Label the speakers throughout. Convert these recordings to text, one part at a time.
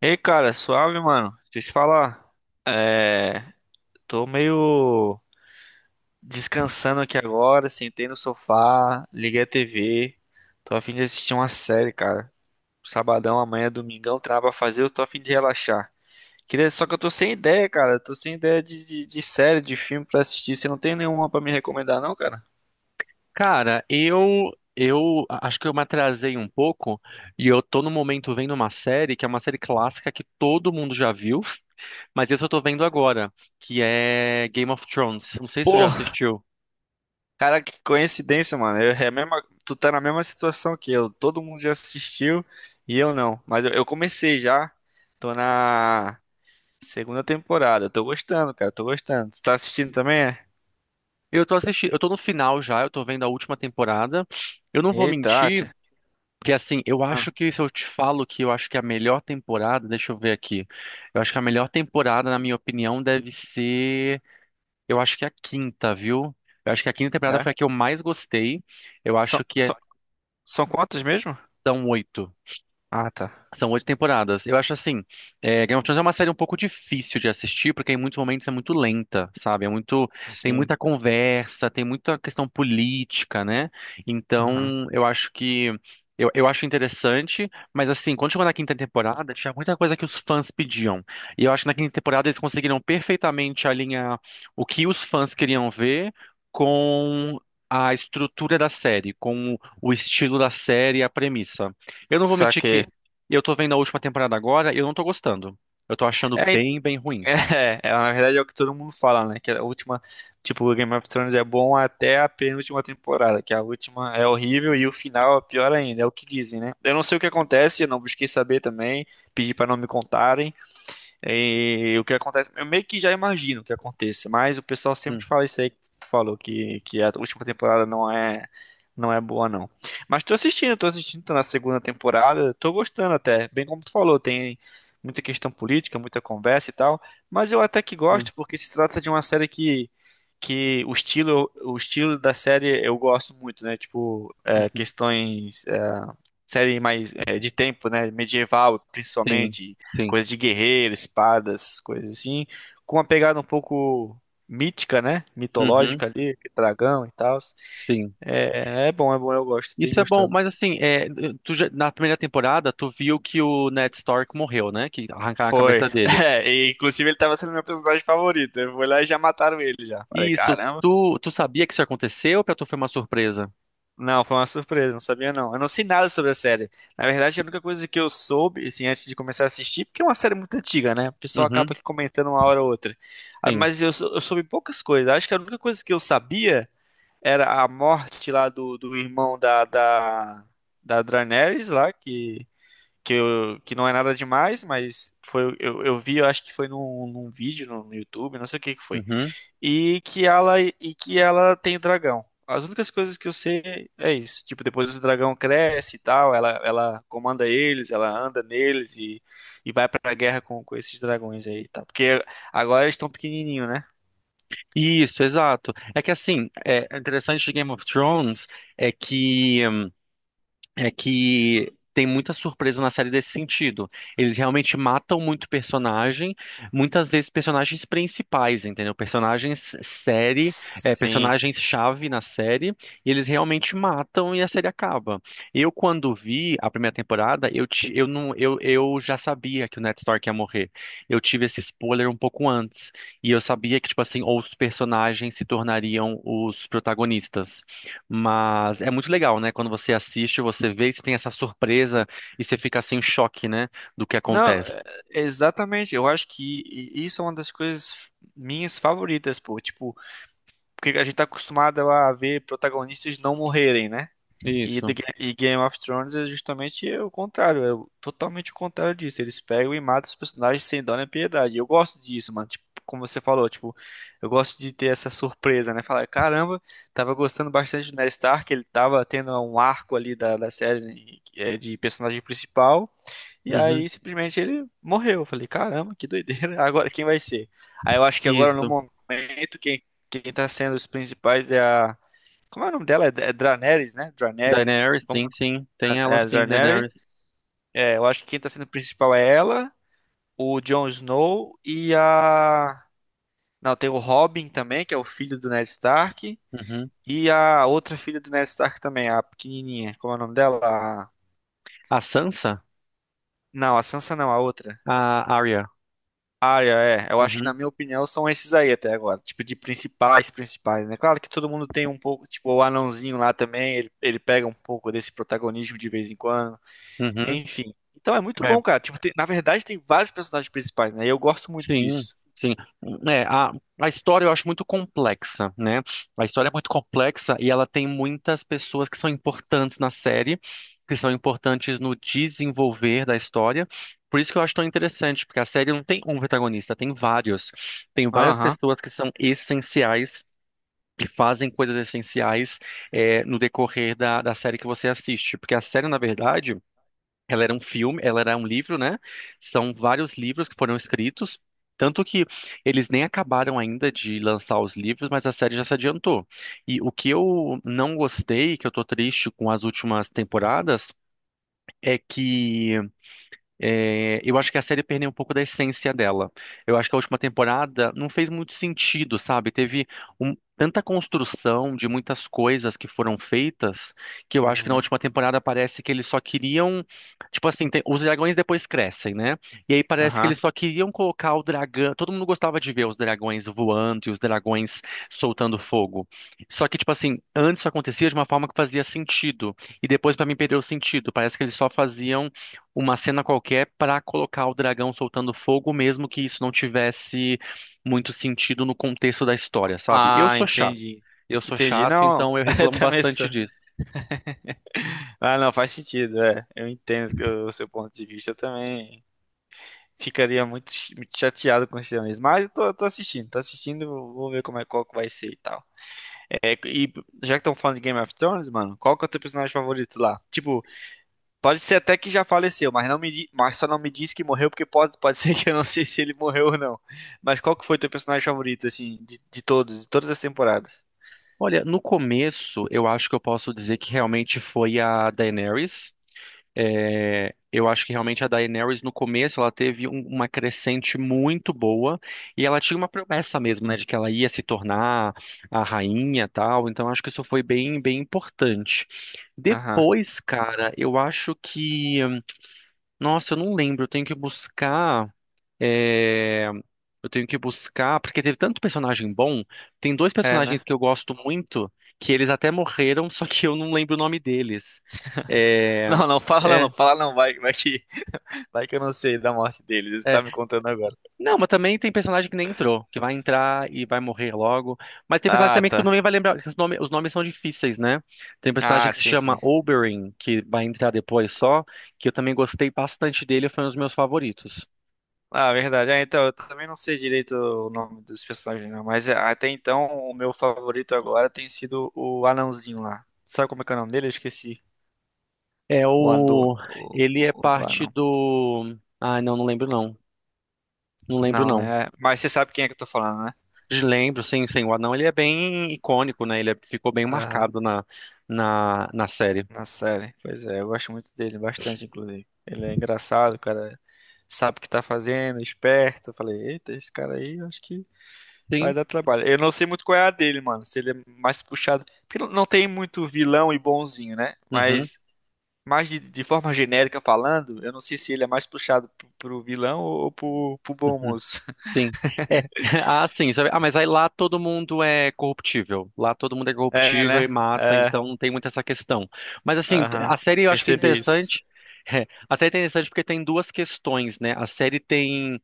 Speaker 1: Ei, cara, suave, mano. Deixa eu te falar. É, tô meio descansando aqui agora, sentei no sofá, liguei a TV. Tô a fim de assistir uma série, cara. Sabadão, amanhã, domingão, tem nada pra fazer, eu tô a fim de relaxar. Queria... Só que eu tô sem ideia, cara. Tô sem ideia de série, de filme pra assistir. Você não tem nenhuma pra me recomendar, não, cara?
Speaker 2: Cara, eu acho que eu me atrasei um pouco e eu tô no momento vendo uma série que é uma série clássica que todo mundo já viu, mas essa eu tô vendo agora, que é Game of Thrones. Não sei se você já
Speaker 1: Pô,
Speaker 2: assistiu.
Speaker 1: cara, que coincidência, mano. Eu, é a mesma, tu tá na mesma situação que eu. Todo mundo já assistiu e eu não. Mas eu comecei já. Tô na segunda temporada. Eu tô gostando, cara. Tô gostando. Tu tá assistindo também? É?
Speaker 2: Eu tô assistindo, eu tô no final já, eu tô vendo a última temporada. Eu não vou
Speaker 1: Eita,
Speaker 2: mentir,
Speaker 1: tia.
Speaker 2: que assim, eu
Speaker 1: Ah,
Speaker 2: acho que se eu te falo que eu acho que a melhor temporada, deixa eu ver aqui. Eu acho que a melhor temporada, na minha opinião, deve ser. Eu acho que é a quinta, viu? Eu acho que a quinta temporada
Speaker 1: é?
Speaker 2: foi a que eu mais gostei. Eu
Speaker 1: São,
Speaker 2: acho que é-
Speaker 1: são, são quantos mesmo?
Speaker 2: São oito.
Speaker 1: Ah, tá.
Speaker 2: São oito temporadas. Eu acho assim, é, Game of Thrones é uma série um pouco difícil de assistir, porque em muitos momentos é muito lenta, sabe? É muito, tem
Speaker 1: Sim.
Speaker 2: muita conversa, tem muita questão política, né?
Speaker 1: Aham.
Speaker 2: Então, eu acho que eu acho interessante, mas assim, quando chegou na quinta temporada, tinha muita coisa que os fãs pediam. E eu acho que na quinta temporada eles conseguiram perfeitamente alinhar o que os fãs queriam ver com a estrutura da série, com o estilo da série e a premissa. Eu não vou mentir
Speaker 1: Saquei.
Speaker 2: que e eu tô vendo a última temporada agora e eu não tô gostando. Eu tô achando
Speaker 1: É, então,
Speaker 2: bem, bem ruim.
Speaker 1: é, é, na verdade é o que todo mundo fala, né? Que a última, tipo, o Game of Thrones é bom até a penúltima temporada, que a última é horrível e o final é pior ainda, é o que dizem, né? Eu não sei o que acontece, eu não busquei saber também, pedi pra não me contarem. E o que acontece, eu meio que já imagino o que aconteça, mas o pessoal
Speaker 2: Hum,
Speaker 1: sempre fala isso aí que tu falou, que a última temporada não é, não é boa, não. Mas tô assistindo, tô assistindo, tô na segunda temporada, tô gostando até, bem como tu falou, tem muita questão política, muita conversa e tal, mas eu até que
Speaker 2: hum,
Speaker 1: gosto, porque se trata de uma série que o estilo da série eu gosto muito, né? Tipo, é,
Speaker 2: uhum.
Speaker 1: questões série mais é, de tempo, né? Medieval,
Speaker 2: Sim,
Speaker 1: principalmente,
Speaker 2: sim.
Speaker 1: coisa de guerreiro, espadas, coisas assim, com uma pegada um pouco mítica, né?
Speaker 2: Uhum,
Speaker 1: Mitológica ali, dragão e tal.
Speaker 2: sim.
Speaker 1: É, é bom, eu gosto, tenho
Speaker 2: Isso é bom,
Speaker 1: gostado.
Speaker 2: mas assim, é, na primeira temporada, tu viu que o Ned Stark morreu, né? Que arrancaram a
Speaker 1: Foi.
Speaker 2: cabeça dele.
Speaker 1: É, e, inclusive ele tava sendo meu personagem favorito. Eu fui lá e já mataram ele já.
Speaker 2: E
Speaker 1: Falei,
Speaker 2: isso,
Speaker 1: caramba.
Speaker 2: tu sabia que isso aconteceu ou pra tu foi uma surpresa?
Speaker 1: Não, foi uma surpresa, não sabia não. Eu não sei nada sobre a série. Na verdade, a única coisa que eu soube, assim, antes de começar a assistir, porque é uma série muito antiga, né? O pessoal
Speaker 2: Uhum,
Speaker 1: acaba aqui comentando uma hora ou outra. Ah,
Speaker 2: sim.
Speaker 1: mas eu soube poucas coisas. Acho que a única coisa que eu sabia era a morte lá do irmão da Daenerys lá, que, que não é nada demais, mas foi, eu vi, eu acho que foi num vídeo no YouTube, não sei o que que foi
Speaker 2: Uhum.
Speaker 1: e que ela tem dragão. As únicas coisas que eu sei é isso. Tipo, depois o dragão cresce e tal, ela comanda eles, ela anda neles e vai pra guerra com esses dragões aí, tá? Porque agora eles estão pequenininho, né?
Speaker 2: Isso, exato. É que assim, é é interessante de Game of Thrones é que é que tem muita surpresa na série desse sentido. Eles realmente matam muito personagem, muitas vezes personagens principais, entendeu? Personagens série, é,
Speaker 1: Sim.
Speaker 2: personagens-chave na série, e eles realmente matam e a série acaba. Eu, quando vi a primeira temporada, eu, ti- eu, não, eu já sabia que o Ned Stark ia morrer. Eu tive esse spoiler um pouco antes, e eu sabia que, tipo assim, ou os personagens se tornariam os protagonistas. Mas é muito legal, né? Quando você assiste, você vê e você tem essa surpresa e você fica assim em choque, né? Do que
Speaker 1: Não,
Speaker 2: acontece.
Speaker 1: exatamente. Eu acho que isso é uma das coisas minhas favoritas, pô. Tipo, porque a gente tá acostumado a ver protagonistas não morrerem, né? E,
Speaker 2: Isso.
Speaker 1: E Game of Thrones é justamente o contrário, totalmente o contrário disso. Eles pegam e matam os personagens sem dó nem piedade. Eu gosto disso, mano. Tipo, como você falou, tipo, eu gosto de ter essa surpresa, né? Falar, caramba, tava gostando bastante do Ned Stark, ele tava tendo um arco ali da série né, é, de personagem principal, e
Speaker 2: Uhum.
Speaker 1: aí simplesmente ele morreu. Eu falei, caramba, que doideira, agora quem vai ser? Aí eu acho que agora no
Speaker 2: Isso.
Speaker 1: momento, quem tá sendo os principais é a. Como é o nome dela? É, é Draneris, né? Draneris.
Speaker 2: Daenerys,
Speaker 1: Como
Speaker 2: sim, sim. Tem ela,
Speaker 1: é,
Speaker 2: sim,
Speaker 1: Draneris.
Speaker 2: Daenerys.
Speaker 1: É, eu acho que quem tá sendo principal é ela, o Jon Snow e a. Não, tem o Robin também, que é o filho do Ned Stark.
Speaker 2: Uhum.
Speaker 1: E a outra filha do Ned Stark também, a pequenininha. Como é o nome dela? A-
Speaker 2: A Sansa?
Speaker 1: Não, a Sansa não, a outra.
Speaker 2: A Arya.
Speaker 1: Arya, é. Eu acho que, na
Speaker 2: Uhum.
Speaker 1: minha opinião, são esses aí até agora. Tipo, de principais, principais, né? Claro que todo mundo tem um pouco. Tipo, o anãozinho lá também, ele pega um pouco desse protagonismo de vez em quando.
Speaker 2: Uhum.
Speaker 1: Enfim. Então é muito bom, cara. Tipo, na verdade, tem vários personagens principais, né? E eu gosto muito
Speaker 2: Sim,
Speaker 1: disso.
Speaker 2: sim. É, a história eu acho muito complexa, né? A história é muito complexa e ela tem muitas pessoas que são importantes na série, que são importantes no desenvolver da história. Por isso que eu acho tão interessante, porque a série não tem um protagonista, tem vários. Tem várias
Speaker 1: Aham.
Speaker 2: pessoas que são essenciais. Que fazem coisas essenciais é, no decorrer da série que você assiste. Porque a série, na verdade, ela era um filme, ela era um livro, né? São vários livros que foram escritos. Tanto que eles nem acabaram ainda de lançar os livros, mas a série já se adiantou. E o que eu não gostei, que eu tô triste com as últimas temporadas, é que é, eu acho que a série perdeu um pouco da essência dela. Eu acho que a última temporada não fez muito sentido, sabe? Teve tanta construção de muitas coisas que foram feitas que eu acho que na
Speaker 1: Uhum.
Speaker 2: última temporada parece que eles só queriam. Tipo assim, os dragões depois crescem, né? E aí parece que
Speaker 1: Aham.
Speaker 2: eles só queriam colocar o dragão. Todo mundo gostava de ver os dragões voando e os dragões soltando fogo. Só que, tipo assim, antes isso acontecia de uma forma que fazia sentido. E depois, pra mim, perdeu o sentido. Parece que eles só faziam uma cena qualquer para colocar o dragão soltando fogo, mesmo que isso não tivesse muito sentido no contexto da história, sabe? Eu
Speaker 1: Ah,
Speaker 2: sou chato.
Speaker 1: entendi.
Speaker 2: Eu sou
Speaker 1: Entendi.
Speaker 2: chato,
Speaker 1: Não,
Speaker 2: então eu
Speaker 1: eu
Speaker 2: reclamo
Speaker 1: também
Speaker 2: bastante
Speaker 1: sou.
Speaker 2: disso.
Speaker 1: Ah, não, faz sentido. É. Eu entendo que o seu ponto de vista eu também. Ficaria muito chateado com isso mesmo. Mas eu tô, tô assistindo, vou ver como é qual que vai ser e tal. É, e já que estão falando de Game of Thrones, mano, qual que é o teu personagem favorito lá? Tipo, pode ser até que já faleceu, mas não mas só não me disse que morreu, porque pode, pode ser que eu não sei se ele morreu ou não. Mas qual que foi teu personagem favorito, assim, de todos, de todas as temporadas?
Speaker 2: Olha, no começo, eu acho que eu posso dizer que realmente foi a Daenerys. É, eu acho que realmente a Daenerys, no começo, ela teve uma crescente muito boa e ela tinha uma promessa mesmo, né, de que ela ia se tornar a rainha e tal. Então, acho que isso foi bem, bem importante.
Speaker 1: Aham.
Speaker 2: Depois, cara, eu acho que. Nossa, eu não lembro. Eu tenho que buscar. É, eu tenho que buscar. Porque teve tanto personagem bom. Tem dois
Speaker 1: É,
Speaker 2: personagens
Speaker 1: né?
Speaker 2: que eu gosto muito. Que eles até morreram, só que eu não lembro o nome deles. É,
Speaker 1: Não, não, fala não,
Speaker 2: é,
Speaker 1: fala não, vai que eu não sei da morte dele, você
Speaker 2: é.
Speaker 1: tá me contando agora.
Speaker 2: Não, mas também tem personagem que nem entrou, que vai entrar e vai morrer logo. Mas tem personagem
Speaker 1: Ah,
Speaker 2: também que tu
Speaker 1: tá.
Speaker 2: não vai lembrar, que os os nomes são difíceis, né? Tem um personagem
Speaker 1: Ah,
Speaker 2: que se
Speaker 1: sim,
Speaker 2: chama
Speaker 1: sim.
Speaker 2: Oberyn, que vai entrar depois só, que eu também gostei bastante dele, foi um dos meus favoritos.
Speaker 1: Ah, verdade. Ah, então, eu também não sei direito o nome dos personagens, não, mas é, até então o meu favorito agora tem sido o anãozinho lá. Sabe como é que é o nome dele? Eu esqueci.
Speaker 2: É o. Ele é
Speaker 1: O do
Speaker 2: parte
Speaker 1: anão.
Speaker 2: do. Ah não, não lembro não. Não lembro
Speaker 1: Não,
Speaker 2: não.
Speaker 1: né? Mas você sabe quem é que eu tô falando, né?
Speaker 2: De Lembro, sim, sim. O anão ele é bem icônico, né? Ficou bem
Speaker 1: Aham.
Speaker 2: marcado na série.
Speaker 1: Na série. Pois é, eu gosto muito dele, bastante, inclusive. Ele é engraçado, o cara sabe o que tá fazendo, esperto. Eu falei, eita, esse cara aí, eu acho que vai
Speaker 2: Sim.
Speaker 1: dar trabalho. Eu não sei muito qual é a dele, mano. Se ele é mais puxado. Porque não não tem muito vilão e bonzinho, né?
Speaker 2: Uhum,
Speaker 1: Mas, mais de forma genérica falando, eu não sei se ele é mais puxado pro vilão ou pro bom
Speaker 2: uhum.
Speaker 1: moço.
Speaker 2: Sim. É. Ah, sim. Sabe? Ah, mas aí lá todo mundo é corruptível. Lá todo mundo é
Speaker 1: É,
Speaker 2: corruptível e
Speaker 1: né?
Speaker 2: mata,
Speaker 1: É,
Speaker 2: então não tem muito essa questão. Mas assim,
Speaker 1: aham.
Speaker 2: a série eu acho que é
Speaker 1: Percebi isso.
Speaker 2: interessante. É, a série é interessante porque tem duas questões, né? A série tem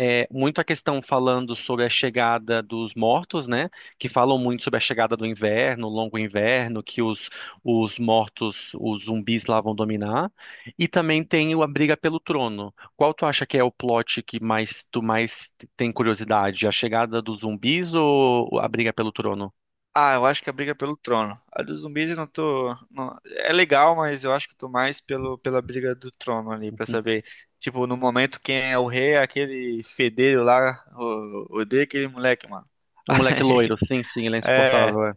Speaker 2: é, muito a questão falando sobre a chegada dos mortos, né? Que falam muito sobre a chegada do inverno, o longo inverno, que os mortos, os zumbis lá vão dominar. E também tem o a briga pelo trono. Qual tu acha que é o plot que mais tu mais tem curiosidade? A chegada dos zumbis ou a briga pelo trono?
Speaker 1: Ah, eu acho que é a briga é pelo trono. A dos zumbis eu não tô. Não- é legal, mas eu acho que eu tô mais pelo, pela briga do trono ali, pra saber. Tipo, no momento, quem é o rei é aquele fedelho lá, o, odeio aquele moleque, mano.
Speaker 2: Um moleque loiro, sim, sim, ele é
Speaker 1: é,
Speaker 2: insuportável, é.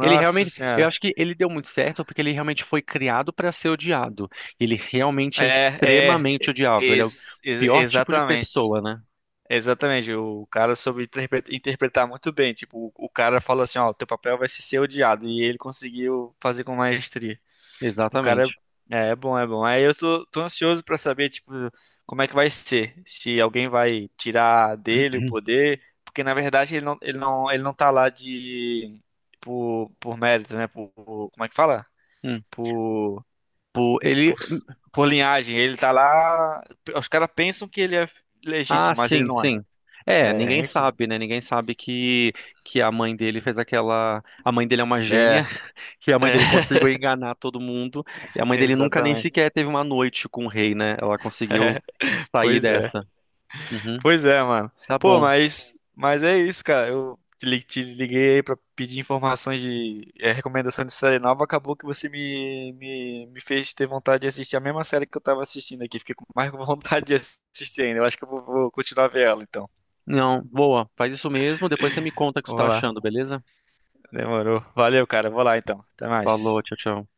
Speaker 2: Ele realmente, eu
Speaker 1: senhora.
Speaker 2: acho que ele deu muito certo porque ele realmente foi criado para ser odiado. Ele realmente é
Speaker 1: É, é,
Speaker 2: extremamente odiável. Ele é o pior tipo de
Speaker 1: exatamente.
Speaker 2: pessoa, né?
Speaker 1: Exatamente, o cara soube interpretar muito bem. Tipo, o cara falou assim: ó, teu papel vai ser ser odiado. E ele conseguiu fazer com maestria. O
Speaker 2: Exatamente.
Speaker 1: cara é, é bom, é bom. Aí eu tô, tô ansioso pra saber, tipo, como é que vai ser. Se alguém vai tirar dele o poder, porque na verdade ele não tá lá de por, mérito, né? Por- como é que fala?
Speaker 2: Hum.
Speaker 1: Por,
Speaker 2: Pô, ele,
Speaker 1: por, por linhagem. Ele tá lá. Os caras pensam que ele é
Speaker 2: ah,
Speaker 1: legítimo, mas ele
Speaker 2: sim,
Speaker 1: não é.
Speaker 2: sim. É,
Speaker 1: É,
Speaker 2: ninguém
Speaker 1: enfim.
Speaker 2: sabe, né? Ninguém sabe que a mãe dele fez aquela, a mãe dele é uma
Speaker 1: É,
Speaker 2: gênia, que a mãe dele conseguiu enganar todo mundo, e a mãe
Speaker 1: é,
Speaker 2: dele nunca nem
Speaker 1: exatamente.
Speaker 2: sequer teve uma noite com o rei, né? Ela conseguiu sair
Speaker 1: Pois é.
Speaker 2: dessa. Uhum.
Speaker 1: Pois é, mano.
Speaker 2: Tá
Speaker 1: Pô,
Speaker 2: bom.
Speaker 1: mas é isso, cara. Eu te liguei aí pra pedir informações de recomendação de série nova. Acabou que você me fez ter vontade de assistir a mesma série que eu tava assistindo aqui. Fiquei com mais vontade de assistir ainda. Eu acho que eu vou, vou continuar vendo ela, então.
Speaker 2: Não, boa. Faz isso mesmo. Depois você me conta o que você
Speaker 1: Vou
Speaker 2: tá
Speaker 1: lá.
Speaker 2: achando, beleza?
Speaker 1: Demorou. Valeu, cara. Vou lá, então. Até
Speaker 2: Falou,
Speaker 1: mais.
Speaker 2: tchau, tchau.